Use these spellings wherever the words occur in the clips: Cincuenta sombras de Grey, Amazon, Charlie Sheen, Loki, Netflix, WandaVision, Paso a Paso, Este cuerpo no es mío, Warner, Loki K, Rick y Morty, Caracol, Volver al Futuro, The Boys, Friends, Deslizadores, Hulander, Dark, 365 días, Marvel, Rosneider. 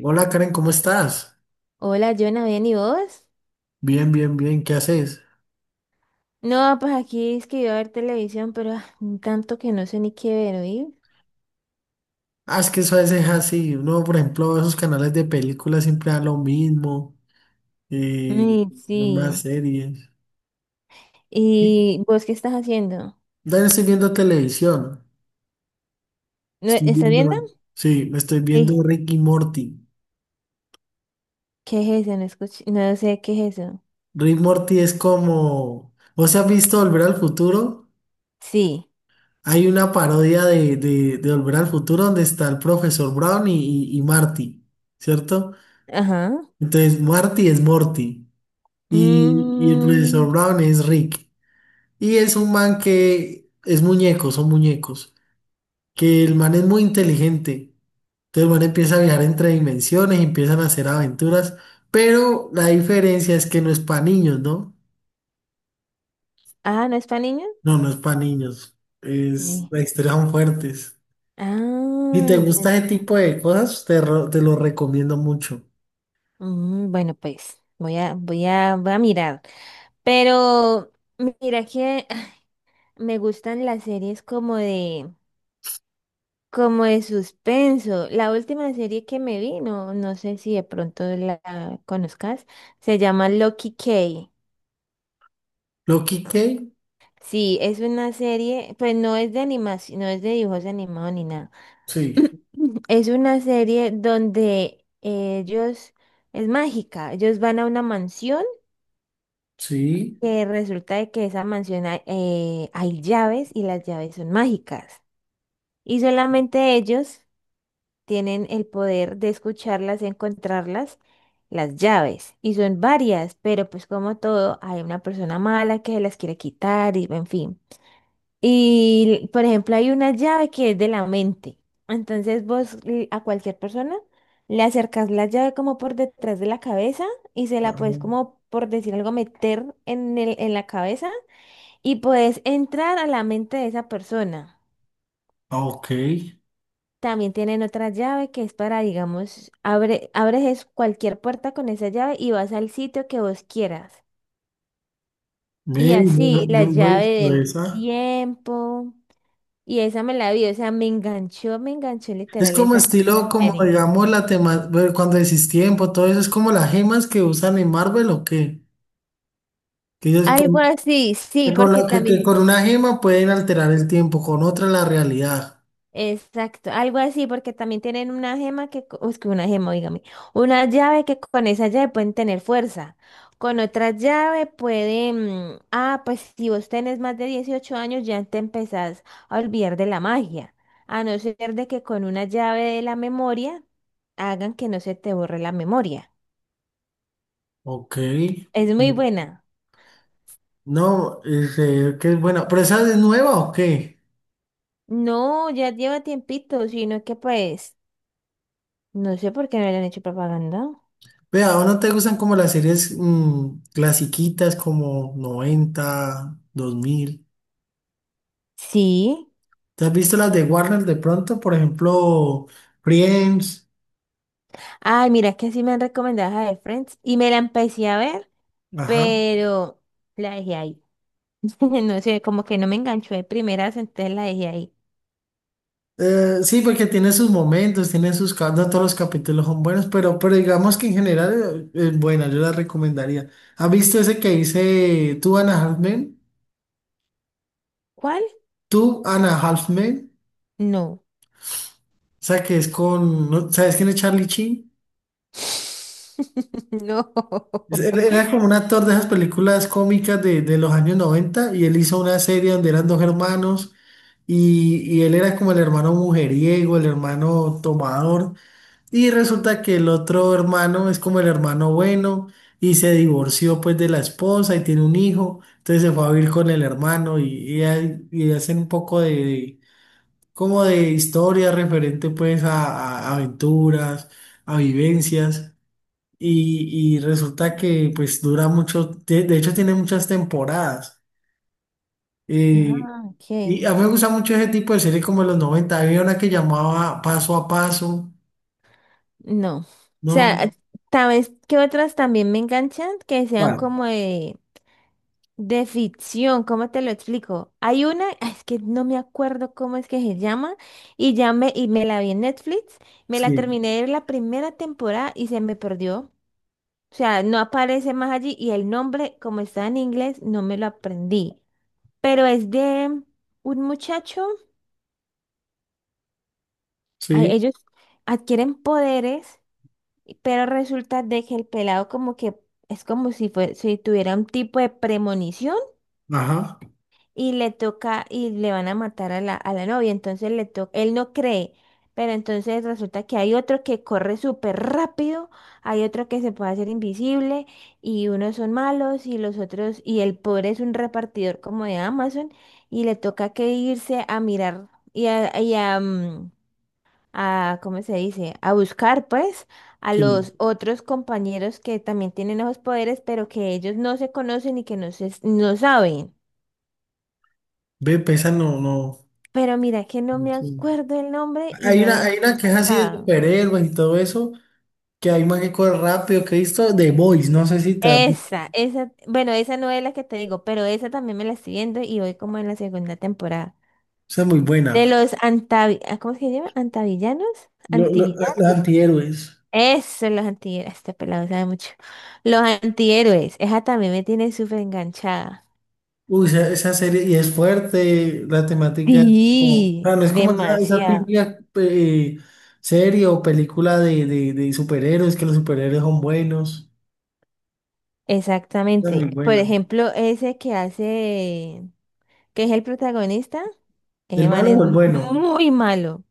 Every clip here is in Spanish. Hola Karen, ¿cómo estás? Hola, Jonah, ¿bien y vos? Bien, bien, bien, ¿qué haces? No, pues aquí es que iba a ver televisión, pero tanto que no sé ni qué ver, ¿oí? Ah, es que eso a veces es así. Uno, por ejemplo, esos canales de películas siempre dan lo mismo, eh, Ay, las más sí. series. ¿Y vos qué estás haciendo? También estoy viendo televisión. ¿No, Estoy estás viendo? viendo, sí, me estoy viendo Sí. Rick y Morty. ¿Qué es eso? No escuché, no sé qué es eso. Rick y Morty es como, ¿vos has visto Volver al Futuro? Sí. Hay una parodia de Volver al Futuro donde está el profesor Brown y Marty, ¿cierto? Ajá. Entonces, Marty es Morty. Y el Mm. profesor Brown es Rick. Y es un man que es muñeco, son muñecos. Que el man es muy inteligente. Entonces el man empieza a viajar entre dimensiones y empiezan a hacer aventuras. Pero la diferencia es que no es para niños, ¿no? Ah, ¿no es para niños? No, no es para niños. Es, Sí. las historias son fuertes. Si Ah, te ya. gusta ese tipo de cosas, te lo recomiendo mucho. Bueno, pues voy a mirar. Pero mira que me gustan las series como de suspenso. La última serie que me vi, no, no sé si de pronto la conozcas, se llama Loki K. ¿Loki K? Sí, es una serie, pues no es de animación, no es de dibujos animados ni nada. Sí, Es una serie donde ellos, es mágica, ellos van a una mansión sí. que resulta de que esa mansión hay, hay llaves y las llaves son mágicas. Y solamente ellos tienen el poder de escucharlas, de encontrarlas, las llaves. Y son varias, pero pues como todo, hay una persona mala que se las quiere quitar y en fin. Y por ejemplo, hay una llave que es de la mente. Entonces vos a cualquier persona le acercas la llave como por detrás de la cabeza y se la Ah, puedes como por decir algo meter en la cabeza y puedes entrar a la mente de esa persona. ok. También tienen otra llave que es para, digamos, abres es cualquier puerta con esa llave y vas al sitio que vos quieras. Ve, Y no, así, la no, no he llave visto del esa. tiempo. Y esa me la vi, o sea, me enganchó Es literal como estilo, esa como serie. digamos, la tema, bueno, cuando decís tiempo, todo eso es como las gemas que usan en Marvel o qué. Que ellos Algo con, así, sí, que con, porque la- que- también. Que con una gema pueden alterar el tiempo, con otra la realidad. Exacto, algo así, porque también tienen una gema que, es que una gema, dígame, una llave que con esa llave pueden tener fuerza, con otra llave pueden, pues si vos tenés más de 18 años ya te empezás a olvidar de la magia, a no ser de que con una llave de la memoria hagan que no se te borre la memoria. Ok. Es muy buena. No, este, que es buena. ¿Pero esa es nueva o qué? No, ya lleva tiempito, sino que pues, no sé por qué no le han hecho propaganda. Vea, ¿o no te gustan como las series clasiquitas como 90, 2000? Sí. ¿Te has visto las de Warner de pronto? Por ejemplo, Friends. Ay, mira, es que sí me han recomendado esa de Friends y me la empecé a ver, pero la dejé ahí. No sé, como que no me enganchó de primeras, entonces la dejé ahí. Sí, porque tiene sus momentos, tiene sus. No todos los capítulos son buenos, pero digamos que en general es buena, yo la recomendaría. ¿Has visto ese que dice Tú, Ana Halfman? ¿Cuál? Tú, Ana Halfman. No. O sea, que es con... ¿no? ¿Sabes quién es Charlie Sheen? No. Él era como un actor de esas películas cómicas de los años 90 y él hizo una serie donde eran dos hermanos y él era como el hermano mujeriego, el hermano tomador. Y resulta que el otro hermano es como el hermano bueno y se divorció pues de la esposa y tiene un hijo, entonces se fue a vivir con el hermano y hacen un poco como de historia referente pues a aventuras, a vivencias y resulta que pues dura mucho, de hecho tiene muchas temporadas. eh, Ah, y ok. a mí me gusta mucho ese tipo de series como de los 90 había una que llamaba Paso a Paso, No. O ¿no? sea, tal vez que otras también me enganchan, que sean Bueno, como de ficción, ¿cómo te lo explico? Hay una, es que no me acuerdo cómo es que se llama, y me la vi en Netflix, me la sí. terminé de ver la primera temporada y se me perdió. O sea, no aparece más allí y el nombre, como está en inglés, no me lo aprendí. Pero es de un muchacho, Sí. ellos adquieren poderes, pero resulta de que el pelado como que es como si tuviera un tipo de premonición Ajá, y le toca y le van a matar a a la novia, entonces le toca, él no cree, pero entonces resulta que hay otro que corre súper rápido, hay otro que se puede hacer invisible y unos son malos y los otros y el pobre es un repartidor como de Amazon y le toca que irse a mirar a ¿cómo se dice? A buscar pues a sí. los otros compañeros que también tienen esos poderes, pero que ellos no se conocen y que no saben. Ve, pesa, no, no. Pero mira que no me Sí. acuerdo el nombre y no la he Hay una que es así de encontrado. superhéroes y todo eso, que hay más que corre rápido, que he visto The Boys, no sé si también. Bueno, esa no es la que te digo, pero esa también me la estoy viendo y voy como en la segunda temporada. Esa es muy buena. De los antavi, ¿cómo es que se llama? ¿Antavillanos? Los ¿Antivillanos? antihéroes. Eso, los antihéroes. Este pelado sabe mucho. Los antihéroes. Esa también me tiene súper enganchada. Uy, esa serie, y es fuerte, la temática es como, o sea, Sí, no es como esa demasiado. típica serie o película de superhéroes, que los superhéroes son buenos. Esa es muy Exactamente. Por buena. ejemplo, ese que hace, que es el protagonista, ¿El ese man malo es o el bueno? muy malo.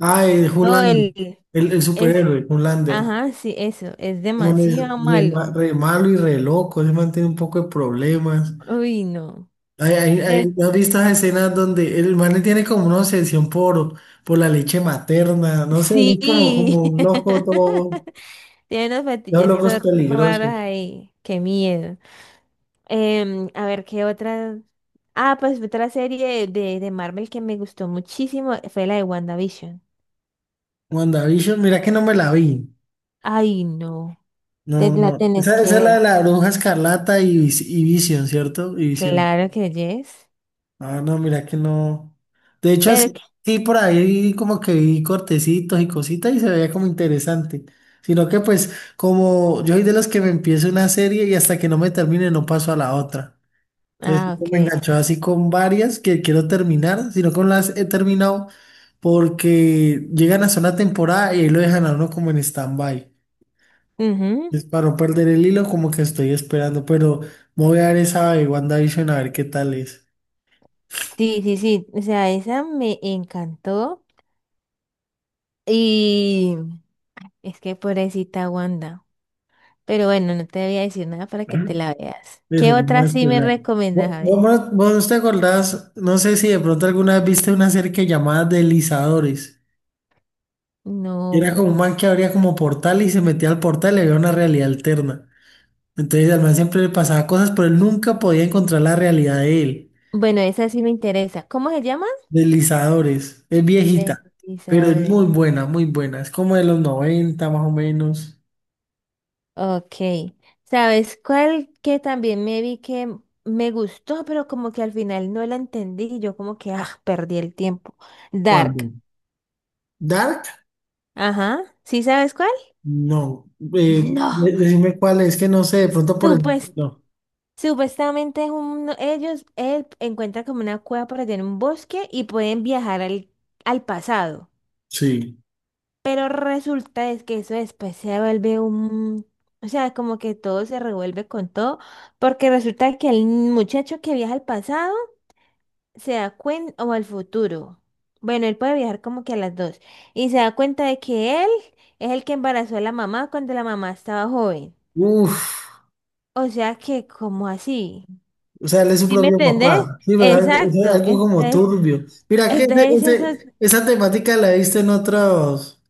Ah, el No, Hulander, el el es, superhéroe, Hulander. ajá, sí, eso, es Man es demasiado malo. Re malo y re loco, ese man tiene un poco de problemas. Uy, no. Es- ¿No has visto esas escenas donde el man tiene como una obsesión por la leche materna? No sé, es como, como Sí. un loco todo, Tiene unos dos fetiches locos todos raros peligrosos. ahí. Qué miedo. A ver, ¿qué otra? Ah, pues otra serie de Marvel que me gustó muchísimo fue la de WandaVision. WandaVision, mira que no me la vi. Ay, no. Te No, la no, tenés esa, que esa es la ver. de la bruja escarlata y, y Vision, ¿cierto? Y Visión. Claro que yes. Ah, no, mira que no. De hecho, Pero, así, sí. sí, por ahí como que vi cortecitos y cositas y se veía como interesante. Sino que pues como yo soy de los que me empiezo una serie y hasta que no me termine no paso a la otra. Entonces esto me Ok. enganchó así con varias que quiero terminar, sino que no las he terminado porque llegan hasta una temporada y ahí lo dejan a uno como en stand-by. Ujú. Es para no perder el hilo como que estoy esperando, pero me voy a dar esa de WandaVision a ver qué tal es. Sí, sí, sí. O sea, esa me encantó. Y es que pobrecita Wanda. Pero bueno, no te voy a decir nada para que te la veas. ¿Qué Eso, otra vamos. sí me recomiendas? Vos, A ver. vos vos no te acordás, no sé si de pronto alguna vez viste una serie que llamaba Deslizadores. Era como No. un man que abría como portal y se metía al portal y había una realidad alterna. Entonces al man siempre le pasaba cosas, pero él nunca podía encontrar la realidad de él. Bueno, esa sí me interesa. ¿Cómo se llama? Deslizadores. Es viejita, pero es Deslizadores. muy buena, muy buena. Es como de los 90 más o menos. Ok. ¿Sabes cuál que también me vi que me gustó, pero como que al final no la entendí? Yo como que, perdí el tiempo. ¿Cuándo? Dark. ¿Dark? Ajá. ¿Sí sabes cuál? No. No. Decime cuál es, que no sé, de pronto por Tú el... pues No. supuestamente es ellos él encuentra como una cueva por allá en un bosque y pueden viajar al pasado. Sí. Pero resulta es que eso después se vuelve un... O sea, como que todo se revuelve con todo, porque resulta que el muchacho que viaja al pasado se da cuenta, o al futuro. Bueno, él puede viajar como que a las dos. Y se da cuenta de que él es el que embarazó a la mamá cuando la mamá estaba joven. Uf. O sea que, ¿como así? O sea, él es su ¿Sí me propio entendés? papá. Sí, pero es Exacto. algo como Entonces, turbio. Mira, que entonces eso, esa temática la viste en otros,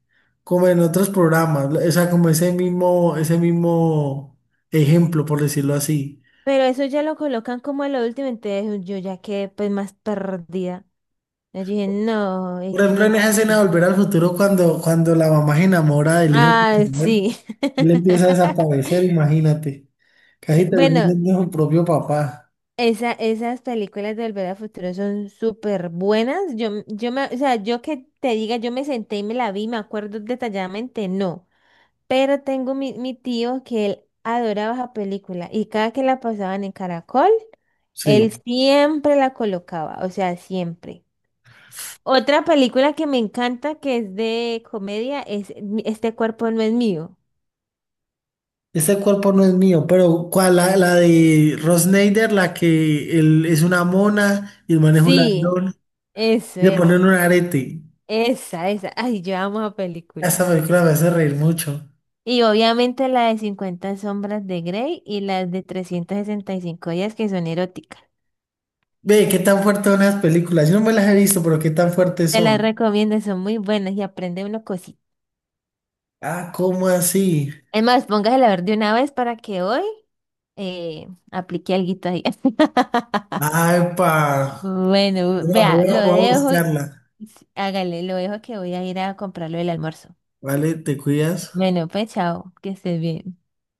como en otros programas. O sea, como ese mismo ejemplo, por decirlo así. pero eso ya lo colocan como a lo último, entonces yo ya quedé pues más perdida. Yo dije, no, y Por si no ejemplo, en esa escena de entendí. Volver al Futuro, cuando la mamá se enamora del hijo Ah, sin saber, sí. él empieza a desaparecer, imagínate. Sí, Casi termina bueno, siendo su propio papá. Esas películas de Volver al Futuro son súper buenas. Yo, m- yo me, o sea, yo que te diga, yo me senté y me la vi, me acuerdo detalladamente, no. Pero tengo mi tío que él adoraba esa película y cada que la pasaban en Caracol. Él Sí. siempre la colocaba, o sea, siempre. Otra película que me encanta, que es de comedia, es Este cuerpo no es mío. Este cuerpo no es mío, pero ¿cuál? La de Rosneider, la que él es una mona y el man es un Sí, ladrón, eso, y le ponen un arete. Esa. Ay, yo amo esa Esa película. película me hace reír mucho. Y obviamente la de Cincuenta sombras de Grey y las de 365 días que son eróticas. Ve, qué tan fuertes son las películas. Yo no me las he visto, pero qué tan fuertes Te las son. recomiendo, son muy buenas y aprende una cosita. Ah, ¿cómo así? Es más, póngasela a ver de una vez para que hoy aplique alguito ahí. Ay, pa. Bueno, vea, lo Voy a dejo, buscarla. hágale, lo dejo que voy a ir a comprar lo del almuerzo. Vale, te cuidas. Bueno, pues chao, que estés bien.